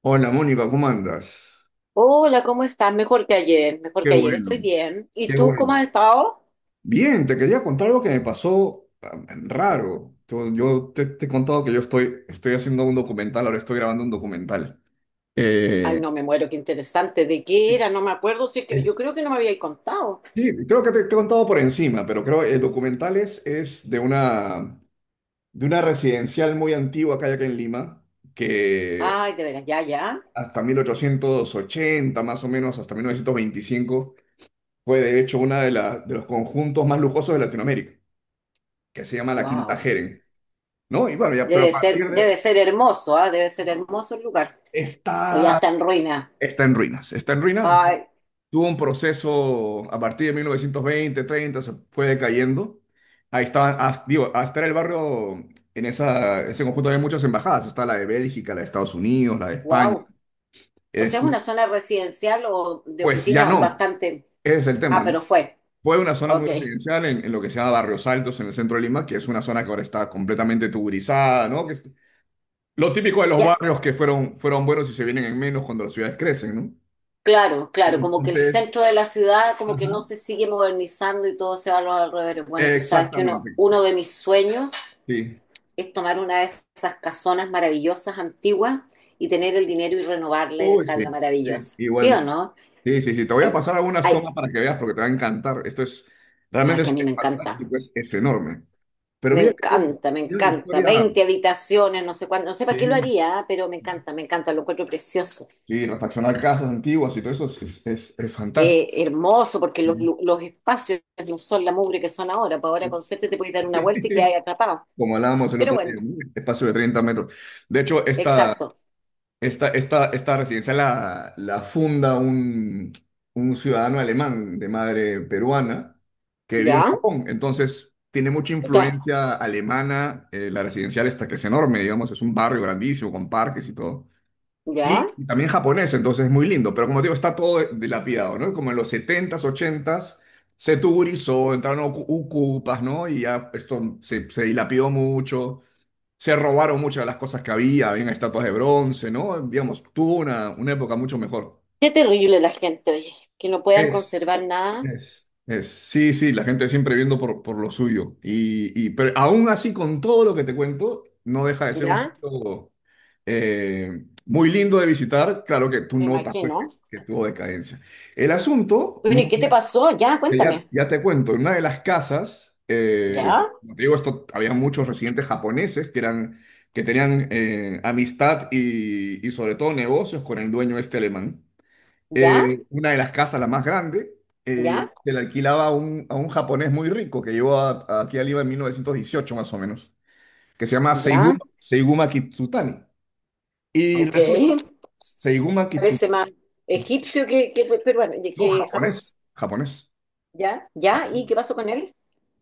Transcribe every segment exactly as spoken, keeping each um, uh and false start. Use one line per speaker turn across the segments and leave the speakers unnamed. Hola Mónica, ¿cómo andas?
Hola, ¿cómo estás? Mejor que ayer, mejor
Qué
que ayer,
bueno,
estoy bien. ¿Y
qué
tú cómo has
bueno.
estado?
Bien, te quería contar algo que me pasó ah, raro. Yo, yo te, te he contado que yo estoy, estoy haciendo un documental, ahora estoy grabando un documental.
Ay,
Eh,
no me muero, qué interesante. ¿De qué
sí,
era? No me acuerdo, si es que yo
es,
creo que no me habíais contado.
sí, creo que te, te he contado por encima, pero creo que el documental es, es de una, de una residencial muy antigua que hay acá en Lima, que
Ay, de veras, ya, ya.
hasta mil ochocientos ochenta más o menos, hasta mil novecientos veinticinco fue de hecho una de, la- de los conjuntos más lujosos de Latinoamérica, que se llama la Quinta
Wow.
Jeren, ¿no? Y bueno, ya, pero a
Debe ser,
partir
debe
de...
ser hermoso, ¿ah? Debe ser hermoso el lugar. O ya
Está,
está en ruina.
está en ruinas, está en ruinas, o sea,
Ay,
tuvo un proceso a partir de mil novecientos veinte, treinta, se fue decayendo. Ahí estaba, hasta, digo, hasta era el barrio, en esa, ese conjunto había muchas embajadas, está la de Bélgica, la de Estados Unidos, la de España.
wow. O
Es,
sea, es una zona residencial o de
pues ya
oficina
no,
bastante.
ese es el tema,
Ah,
¿no?
pero fue.
Fue una zona muy
Ok.
residencial en, en lo que se llama Barrios Altos, en el centro de Lima, que es una zona que ahora está completamente tuburizada, ¿no? Que es lo típico de los
Ya.
barrios que fueron, fueron buenos y se vienen en menos cuando las ciudades crecen, ¿no?
Claro, claro, como que el
Entonces,
centro de la ciudad como que no
ajá.
se sigue modernizando y todo se va a los alrededores. Bueno, tú sabes que uno,
Exactamente.
uno de mis sueños
Sí.
es tomar una de esas casonas maravillosas antiguas y tener el dinero y renovarla y
Uy, sí,
dejarla
sí,
maravillosa. ¿Sí o
igualmente.
no?
Sí, sí, sí. Te voy a
Ay,
pasar algunas
ay,
tomas para que veas porque te va a encantar. Esto es,
ay,
realmente
que a
es
mí me encanta.
fantástico, es, es enorme. Pero
Me
mira que tiene, un-
encanta, me
tiene una
encanta.
historia.
Veinte habitaciones, no sé cuánto, no sé para qué lo
Sí,
haría, ah, pero me encanta, me encanta, lo encuentro precioso.
sí, refaccionar casas antiguas y todo eso es, es, es fantástico.
Eh, hermoso, porque
Sí.
los, lu- los espacios no son la mugre que son ahora, pues ahora
Uf.
con suerte te puedes dar una
Sí.
vuelta y quedas atrapado.
Como hablábamos el
Pero
otro día,
bueno,
¿no? Espacio de treinta metros. De hecho, esta,
exacto.
Esta, esta, esta residencia la, la funda un, un ciudadano alemán de madre peruana que vivió en
¿Ya?
Japón. Entonces, tiene mucha
Ta,
influencia alemana. eh, la residencial esta que es enorme, digamos, es un barrio grandísimo con parques y todo.
¿ya?
Y también japonés, entonces es muy lindo. Pero como te digo, está todo de- dilapidado, ¿no? Como en los setentas ochentas se tugurizó, entraron ocu- ucupas, ¿no? Y ya esto se, se dilapidó mucho. Se robaron muchas de las cosas que había, habían estatuas de bronce, ¿no? Digamos, tuvo una, una época mucho mejor.
Qué terrible la gente, oye, que no puedan
Es,
conservar nada.
es. Es, sí, sí, la gente siempre viendo por, por lo suyo. Y, y- pero aún así, con todo lo que te cuento, no deja de ser un
¿Ya?
sitio eh, muy lindo de visitar. Claro que tú
Me
notas pues,
imagino.
que, que tuvo decadencia. El asunto,
Bueno, ¿y qué te
Mónica,
pasó? Ya,
que Ya,
cuéntame.
ya te cuento, en una de las casas, eh,
¿Ya?
como te digo, esto, había muchos residentes japoneses que, eran, que tenían eh, amistad y, y sobre todo negocios con el dueño este alemán.
¿Ya?
Eh, una de las casas, la más grande, eh,
¿Ya?
se la alquilaba a un, a un japonés muy rico que llegó a- a aquí a Lima en mil novecientos dieciocho más o menos, que se llama
¿Ya?
Seiguma, Seiguma Kitsutani. Y
Ok.
resulta, Seiguma
Parece
Kitsutani,
más egipcio que, que peruano,
no,
que japonés.
japonés, japonés,
¿Ya? ¿Ya? ¿Y
japonés.
qué pasó con él?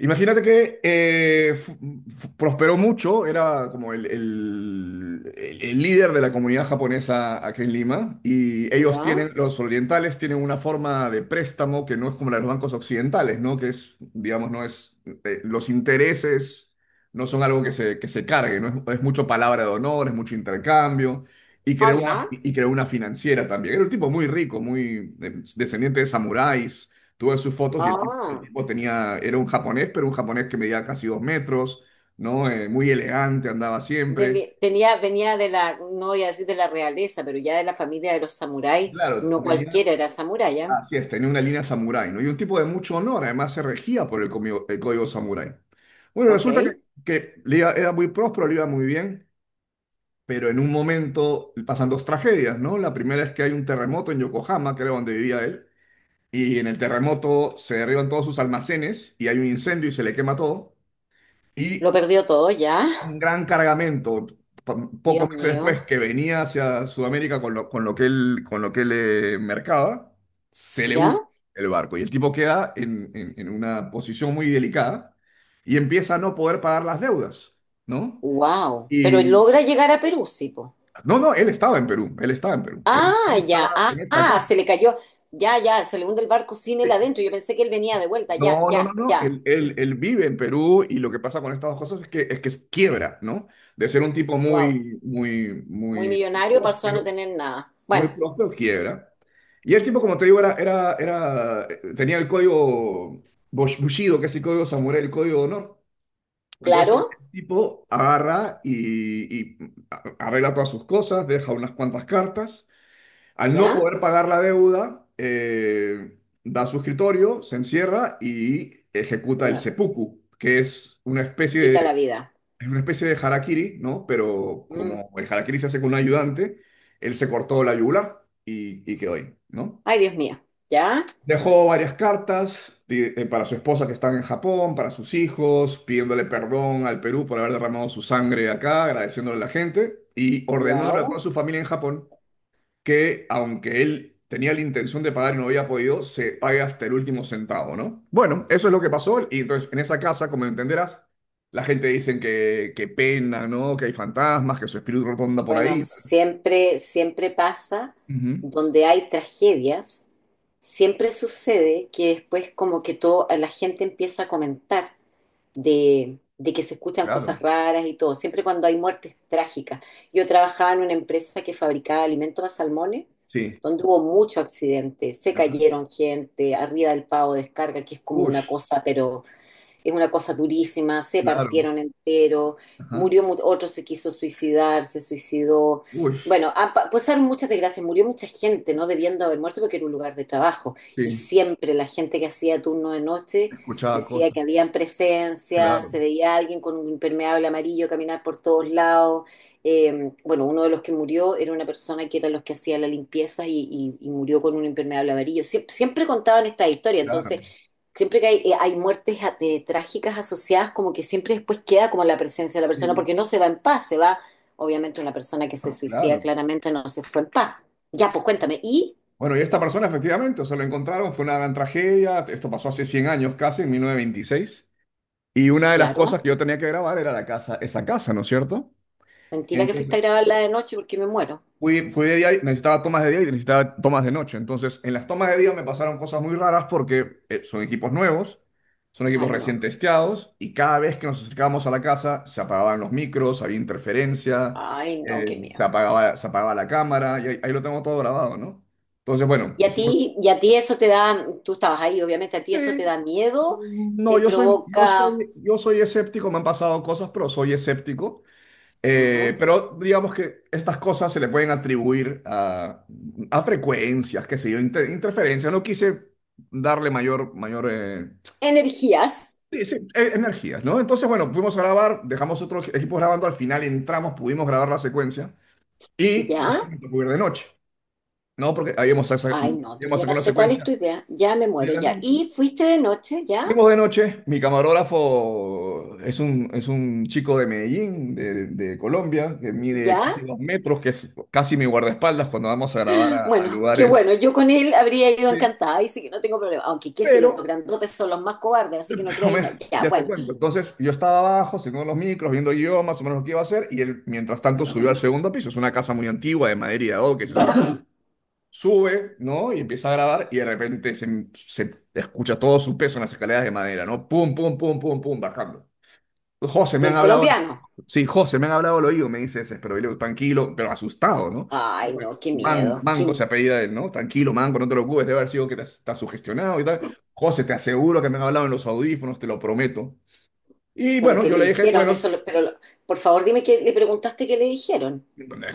Imagínate que eh, fu- fu- prosperó mucho, era como el, el- el- el líder de la comunidad japonesa aquí en Lima, y ellos
¿Ya?
tienen, los orientales tienen una forma de préstamo que no es como la de los bancos occidentales, ¿no? Que es, digamos, no es, eh, los intereses no son algo que se, que se cargue, ¿no? Es, es mucho palabra de honor, es mucho intercambio, y
Ah,
creó una,
ya.
y creó una financiera también. Era un tipo muy rico, muy eh, descendiente de samuráis. Tú ves sus fotos y el, tip- el
Ah.
tipo tenía, era un japonés, pero un japonés que medía casi dos metros, ¿no? Eh, muy elegante, andaba siempre.
Del- tenía, venía de la, no voy a decir de la realeza, pero ya de la familia de los samuráis,
Claro,
no
venía,
cualquiera era samurái, ¿ya?
así es, tenía una línea samurái, ¿no? Y un tipo de mucho honor, además se regía por el, comio- el código samurái. Bueno, resulta que,
Ok.
que le iba- era muy próspero, le iba muy bien, pero en un momento pasan dos tragedias, ¿no? La primera es que hay un terremoto en Yokohama, que era donde vivía él, y en el terremoto se derriban todos sus almacenes y hay un incendio y se le quema todo. Y
Lo perdió todo, ¿ya?
un gran cargamento
Dios
pocos meses después
mío,
que venía hacia Sudamérica con lo, con lo que él, con lo que él eh, mercaba, se le hunde
¿ya?
el barco y el tipo queda en, en- en una posición muy delicada y empieza a no poder pagar las deudas, ¿no?
Wow. Pero
Y
logra llegar a Perú, sí, po.
no, no, él estaba en Perú, él estaba en Perú, él,
Ah,
él estaba
ya,
en
ah,
esta
ah,
casa.
se le cayó, ya, ya, se le hunde el barco sin él
Sí.
adentro. Yo pensé que él venía de vuelta, ya,
No, no, no,
ya,
no,
ya.
él, él- él vive en Perú y lo que pasa con estas dos cosas es que, es que, quiebra, ¿no? De ser un tipo
Wow.
muy, muy,
Muy
muy
millonario, pasó a no
próspero.
tener nada.
Muy
Bueno,
pronto quiebra. Y el tipo, como te digo, era, era, era, tenía el código Bush- Bushido, que es el código samurái, el código de honor. Entonces el
claro,
tipo agarra y, y arregla todas sus cosas, deja unas cuantas cartas. Al no
¿ya?
poder pagar la deuda, eh, da su escritorio, se encierra y
Se
ejecuta el
mata,
seppuku, que es una
se
especie
quita
de
la vida.
es una especie de harakiri, ¿no? Pero
Mm.
como el harakiri se hace con un ayudante, él se cortó la yugular y, y quedó ahí, ¿no?
Ay, Dios mío, ¿ya?
Dejó varias cartas di- eh, para su esposa que están en Japón, para sus hijos, pidiéndole perdón al Perú por haber derramado su sangre acá, agradeciéndole a la gente y ordenándole a toda
Wow.
su familia en Japón que aunque él tenía la intención de pagar y no había podido, se pague hasta el último centavo, ¿no? Bueno, eso es lo que pasó y entonces en esa casa, como entenderás, la gente dicen que, que pena, ¿no? Que hay fantasmas, que su espíritu rotonda por
Bueno,
ahí.
siempre, siempre pasa
Ujú,
donde hay tragedias, siempre sucede que después como que todo, la gente empieza a comentar de, de que se escuchan
claro,
cosas raras y todo, siempre cuando hay muertes trágicas. Yo trabajaba en una empresa que fabricaba alimentos para salmones,
sí.
donde hubo mucho accidente, se
Ajá.
cayeron gente, arriba del pavo de descarga, que es como
Uy,
una cosa, pero es una cosa durísima, se
claro.
partieron entero,
Ajá.
murió, mu- otro se quiso suicidar, se suicidó.
Uy,
Bueno, ha pa- pasaron muchas desgracias, murió mucha gente, no debiendo haber muerto porque era un lugar de trabajo. Y
sí,
siempre la gente que hacía turno de noche
escuchaba
decía
cosas.
que habían presencia,
Claro,
se veía alguien con un impermeable amarillo caminar por todos lados. Eh, bueno, uno de los que murió era una persona que era los que hacía la limpieza y, y- y murió con un impermeable amarillo. Sie- siempre contaban esta historia,
claro,
entonces siempre que hay, eh, hay muertes a- de- trágicas asociadas, como que siempre después queda como la presencia de la persona,
sí,
porque no se va en paz, se va, obviamente una persona que se suicida
claro.
claramente no se fue en paz. Ya, pues cuéntame. Y,
Bueno, y esta persona efectivamente, o sea, lo encontraron, fue una gran tragedia, esto pasó hace cien años casi, en mil novecientos veintiséis. Y una de las
claro,
cosas que yo tenía que grabar era la casa, esa casa, ¿no es cierto?
mentira que fuiste
Entonces,
a grabarla de noche porque me muero.
fui, fui de día y necesitaba tomas de día y necesitaba tomas de noche. Entonces, en las tomas de día me pasaron cosas muy raras porque eh, son equipos nuevos, son equipos
Ay, no,
recién testeados y cada vez que nos acercábamos a la casa se apagaban los micros, había interferencia,
ay, no,
eh,
qué
se
miedo.
apagaba, se apagaba la cámara y ahí, ahí lo tengo todo grabado, ¿no? Entonces, bueno,
Y a
hicimos.
ti, y a ti eso te da, tú estabas ahí, obviamente, a ti eso
Sí,
te da miedo,
no,
te
yo soy, yo
provoca,
soy, yo soy escéptico, me han pasado cosas, pero soy escéptico. Eh,
ujú,
pero digamos que estas cosas se le pueden atribuir a, a frecuencias, qué sé yo, inter- interferencias. No quise darle mayor, mayor eh,
energías,
sí, sí, eh, energías, ¿no? Entonces, bueno, fuimos a grabar, dejamos otros equipos grabando, al final entramos, pudimos grabar la secuencia y
¿ya?
después me tocó ir de noche, ¿no? Porque habíamos, sac-
Ay, no, tú-
habíamos
yo no
sacado la
sé cuál es
secuencia
tu idea, ya me
de
muero,
la
ya.
noche.
Y fuiste de noche, ¿ya?
Fuimos de noche, mi camarógrafo es un, es un chico de Medellín, de, de Colombia, que mide casi
¿Ya?
dos metros, que es casi mi guardaespaldas cuando vamos a grabar a, a
Bueno, qué
lugares.
bueno, yo con él habría ido
Sí,
encantada, ahí sí que no tengo problema. Aunque qué si
pero,
los grandotes son los más cobardes, así que no
pero
creáis
me-
nada. Ya,
ya te
bueno,
cuento. Entonces yo estaba abajo, siguiendo los micros, viendo el guión, más o menos lo que iba a hacer, y él mientras tanto subió al segundo piso, es una casa muy antigua de madera y de adobe que se siente. Sube, ¿no? Y empieza a grabar y de repente se, se escucha todo su peso en las escaleras de madera, ¿no? Pum, pum, pum, pum, pum, bajando. José, me han
del
hablado,
colombiano.
sí, José, me han hablado al oído, me dice ese, pero yo, le digo, tranquilo, pero asustado, ¿no?
Ay, no, qué
Man,
miedo.
Manco
Qué...
se apellida él, ¿no? Tranquilo, Manco, no te preocupes, debe haber sido que te has- estás sugestionado y tal. José, te aseguro que me han hablado en los audífonos, te lo prometo. Y
Bueno,
bueno,
¿qué
yo
le
le dije,
dijeron?
bueno,
Eso, lo- pero lo- por favor dime que le preguntaste qué le dijeron.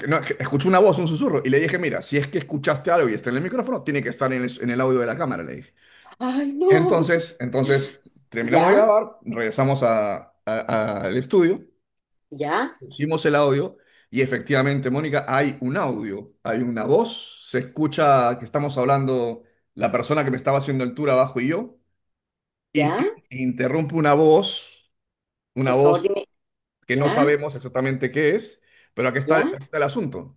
no, es que escuché una voz, un susurro, y le dije, mira, si es que escuchaste algo y está en el micrófono, tiene que estar en el, en el, audio de la cámara, le dije.
Ay, no.
Entonces, entonces, terminamos de
Ya,
grabar, regresamos a- a- al estudio.
ya,
Pusimos el audio y efectivamente, Mónica, hay un audio, hay una voz, se escucha que estamos hablando la persona que me estaba haciendo el tour abajo y yo, y,
ya.
y- y interrumpe una voz, una
Por favor
voz
dime,
que no
ya,
sabemos exactamente qué es, pero aquí está,
ya,
aquí está el asunto.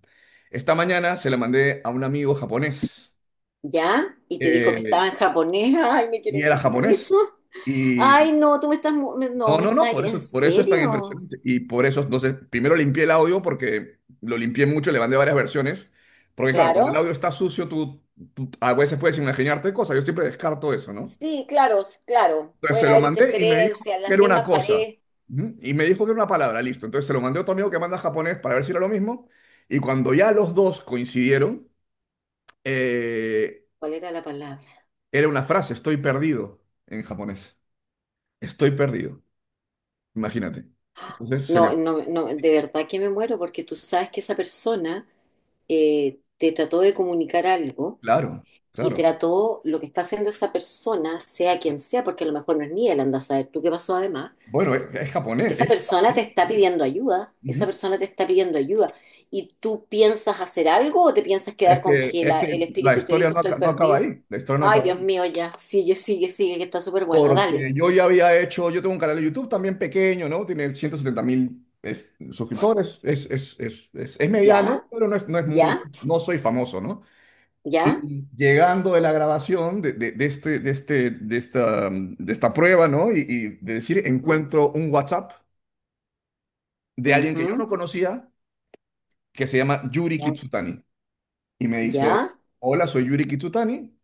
Esta mañana se la mandé a un amigo japonés
ya. Y te dijo que
eh,
estaba en japonés. Ay, me
y
quiero
era
morir. ¿Eso?
japonés.
Ay, no, tú me estás, mu- me- no,
No,
me
no, no,
estás,
por
¿en
eso, por eso es tan
serio?
impresionante. Y por eso, entonces, primero limpié el audio porque lo limpié mucho, le mandé varias versiones. Porque claro, cuando el
Claro.
audio está sucio, tú, tú a veces puedes imaginarte cosas. Yo siempre descarto eso, ¿no?
Sí, claro, s- claro.
Entonces se
Pueden
lo
haber
mandé y me dijo
interferencias,
que
las
era una
mismas
cosa.
paredes.
Ujú. Y me dijo que era una palabra, listo. Entonces se lo mandé a otro amigo que manda japonés para ver si era lo mismo. Y cuando ya los dos coincidieron, eh,
¿Cuál era la palabra?
era una frase, estoy perdido en japonés. Estoy perdido, imagínate.
Ah,
Entonces se
no,
me...
no, no, de verdad que me muero porque tú sabes que esa persona, eh, te trató de comunicar algo
Claro,
y
claro.
trató lo que está haciendo esa persona, sea quien sea, porque a lo mejor no es ni él, anda a saber tú qué pasó además.
Bueno, es, es japonés.
Esa
Es,
persona
tiene
te
que
está
ser él.
pidiendo ayuda, esa
Ujú.
persona te está pidiendo ayuda. ¿Y tú piensas hacer algo o te piensas
Es
quedar con
que,
que
es
la-
que
el
la
espíritu te
historia
dijo
no,
estoy
aca- no acaba
perdido?
ahí. La historia no
Ay,
acaba
Dios
ahí.
mío, ya. Sigue, sigue, sigue, que está súper buena. Dale.
Porque yo ya había hecho, yo tengo un canal de YouTube también pequeño, ¿no? Tiene ciento setenta mil es- suscriptores. Es, es, es, es, es mediano,
Ya,
pero no es, no es muy,
ya,
no soy famoso, ¿no?
ya.
Y llegando de la grabación de, de, de este, de, este, de, esta, mm, de esta prueba, ¿no? Y, y de decir,
Ujú,
encuentro un WhatsApp de alguien que yo
ujú,
no conocía, que se llama Yuri
ya,
Kitsutani. Y me dice,
ya,
hola, soy Yuri Kitsutani,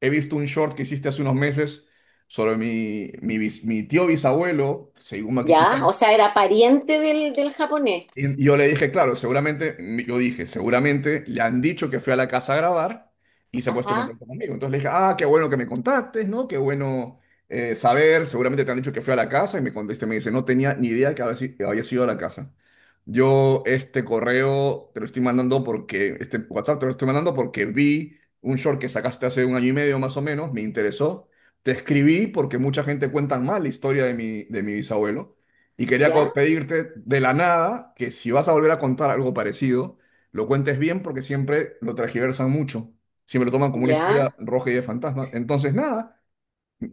he visto un short que hiciste hace unos meses sobre mi, mi, bis- mi tío bisabuelo, Seiguma
ya.
Kitsutani,
O sea, era pariente del, del japonés.
y y yo le dije, claro, seguramente, yo dije, seguramente le han dicho que fui a la casa a grabar y se ha puesto en
Ajá,
contacto conmigo. Entonces le dije, ah, qué bueno que me contactes, ¿no? Qué bueno eh, saber, seguramente te han dicho que fui a la casa y me contesta, me dice, no tenía ni idea que había, si- que había sido a la casa. Yo este correo te lo estoy mandando porque, este WhatsApp te lo estoy mandando porque vi un short que sacaste hace un año y medio más o menos, me interesó. Te escribí porque mucha gente cuenta mal la historia de mi, de mi bisabuelo. Y quería co-
ya,
pedirte de la nada que si vas a volver a contar algo parecido, lo cuentes bien porque siempre lo tergiversan mucho. Siempre lo toman como una historia
ya.
roja y de fantasma. Entonces, nada,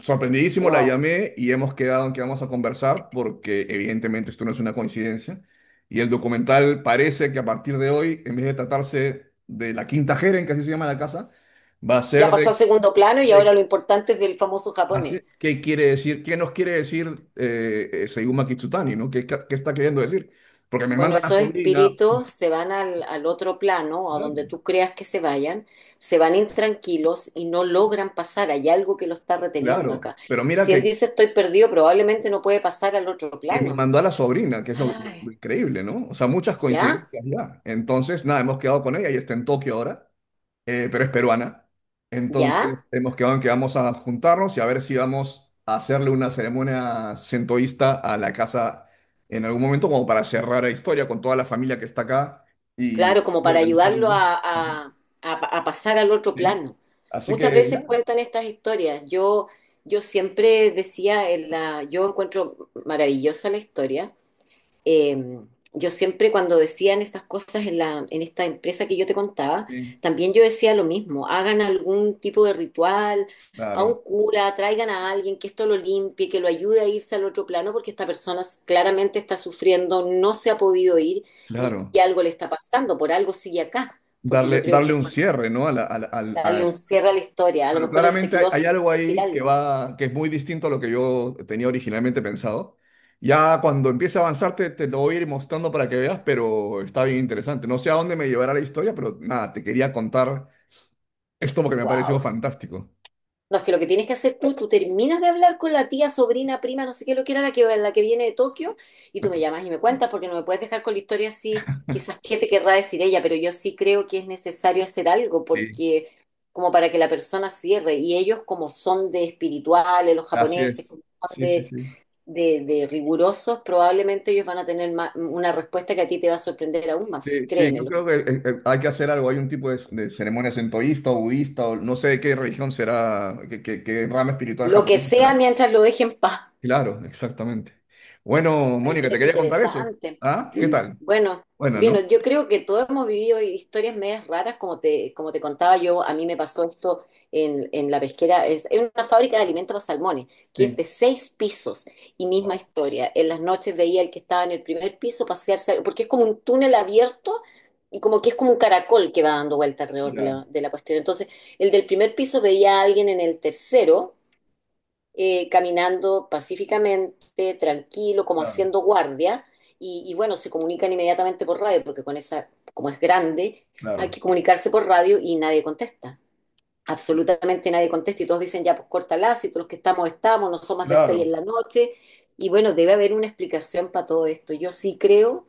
sorprendidísimo la
Wow.
llamé y hemos quedado en que vamos a conversar porque evidentemente esto no es una coincidencia. Y el documental parece que a partir de hoy, en vez de tratarse de la Quinta Jeren, que así se llama la casa, va a
Ya
ser
pasó a
de,
segundo plano y ahora
de
lo importante es del famoso
Así,
japonés.
¿qué quiere decir? ¿Qué nos quiere decir eh, eh, Seiyuma Kitsutani? ¿No? ¿Qué, ca- qué está queriendo decir? Porque me
Bueno,
manda a la
esos
sobrina,
espíritus se van al, al otro plano, a
claro,
donde tú creas que se vayan, se van intranquilos y no logran pasar. Hay algo que lo está reteniendo
claro,
acá.
pero
Y
mira
si él
que,
dice estoy perdido, probablemente no puede pasar al otro
y me
plano.
mandó a la sobrina, que es lo, lo-
Ay,
lo increíble, ¿no? O sea, muchas
¿ya?
coincidencias ya. Entonces, nada, hemos quedado con ella y está en Tokio ahora. eh, pero es peruana.
¿Ya?
Entonces hemos quedado en que vamos a juntarnos y a ver si vamos a hacerle una ceremonia centoísta a la casa en algún momento, como para cerrar la historia con toda la familia que está acá
Claro,
y,
como
y
para
organizar un
ayudarlo
viaje.
a,
Ajá,
a- a pa- a pasar al otro
¿sí?
plano.
Así
Muchas
que,
veces
nada,
cuentan estas historias. Yo, yo siempre decía, en la, yo encuentro maravillosa la historia, eh, yo siempre cuando decían estas cosas, en la, en esta empresa que yo te contaba,
sí,
también yo decía lo mismo, hagan algún tipo de ritual, a
claro,
un cura, traigan a alguien que esto lo limpie, que lo ayude a irse al otro plano, porque esta persona claramente está sufriendo, no se ha podido ir y,
claro.
y algo le está pasando, por algo sigue acá, porque yo
Darle,
creo
darle
que
un
cuando
cierre, ¿no? A la- a al- a-
darle un cierre a la historia, a lo
Pero
mejor él se
claramente hay,
quedó
hay
sin
algo
decir
ahí que
algo.
va, que es muy distinto a lo que yo tenía originalmente pensado. Ya cuando empiece a avanzar te, te lo voy a ir mostrando para que veas, pero está bien interesante. No sé a dónde me llevará la historia, pero nada, te quería contar esto porque me ha parecido
Wow.
fantástico.
No, es que lo que tienes que hacer tú. Tú terminas de hablar con la tía, sobrina, prima, no sé qué, lo que era la que, la que viene de Tokio, y tú me llamas y me cuentas, porque no me puedes dejar con la historia así, quizás qué te querrá decir ella, pero yo sí creo que es necesario hacer algo,
Sí,
porque como para que la persona cierre, y ellos como son de espirituales, los
así
japoneses,
es.
como son
Sí, sí,
de,
sí.
de, de rigurosos, probablemente ellos van a tener ma- una respuesta que a ti te va a sorprender aún más,
Sí, sí, yo
créemelo.
creo que eh, eh, hay que hacer algo. Hay un tipo de, de ceremonia centoísta o budista o no sé de qué religión será, qué, qué, qué rama espiritual
Lo que
japonesa
sea
será.
mientras lo dejen en paz.
Claro, exactamente. Bueno,
Ay,
Mónica,
mira
te
qué
quería contar eso.
interesante.
¿Ah? ¿Qué tal?
Bueno,
Bueno,
bien,
¿no?
yo creo que todos hemos vivido historias medias raras, como te, como te contaba yo, a mí me pasó esto en, en la pesquera, es en una fábrica de alimentos para salmones, que es de
Sí.
seis pisos, y misma
Wow,
historia. En las noches veía el que estaba en el primer piso pasearse, porque es como un túnel abierto y como que es como un caracol que va dando vuelta alrededor de
ya,
la, de la cuestión. Entonces, el del primer piso veía a alguien en el tercero, eh, caminando pacíficamente, tranquilo, como
claro,
haciendo guardia, y, y bueno, se comunican inmediatamente por radio, porque con esa, como es grande, hay que
claro,
comunicarse por radio y nadie contesta. Absolutamente nadie contesta y todos dicen ya, pues córtala, si todos los que estamos estamos, no son más de seis
claro.
en la noche. Y bueno, debe haber una explicación para todo esto. Yo sí creo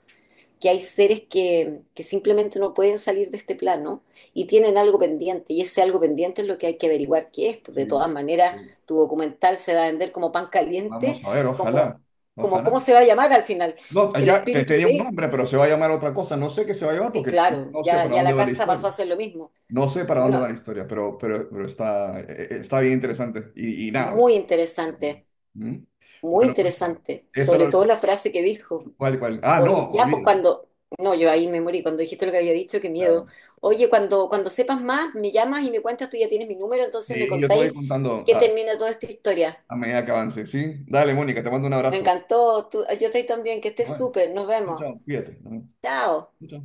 que hay seres que, que simplemente no pueden salir de este plano y tienen algo pendiente, y ese algo pendiente es lo que hay que averiguar qué es. Pues
Sí.
de todas maneras,
Sí.
tu documental se va a vender como pan caliente,
Vamos a ver,
como,
ojalá,
como cómo
ojalá.
se va a llamar al final.
No,
El
allá te
espíritu
tenía un
de...
nombre, pero se va a llamar otra cosa. No sé qué se va a llamar
Sí,
porque no
claro,
no sé
ya,
para
ya
dónde
la
va la
casa
historia.
pasó a hacer lo mismo.
No sé para dónde
Bueno,
va la historia, pero, pero, pero, está, eh, eh, está bien interesante. Y, y nada, está-
muy interesante,
¿Mm?
muy
Bueno, Mónica,
interesante,
eso
sobre
lo...
todo la frase que dijo.
¿Cuál, cuál? Ah,
Oye,
no,
ya pues
olvídate.
cuando, no, yo ahí me morí, cuando dijiste lo que había dicho, qué miedo.
Claro.
Oye, cuando, cuando, sepas más, me llamas y me cuentas, tú ya tienes mi número, entonces me
Y yo te voy
contáis en
contando
qué
ah,
termina toda esta historia.
a medida que avance, ¿sí? Dale, Mónica, te mando un
Me
abrazo.
encantó, tú, yo estoy también, que
Y
estés
bueno,
súper, nos vemos.
chao, cuídate, ¿no?
Chao.
Chao.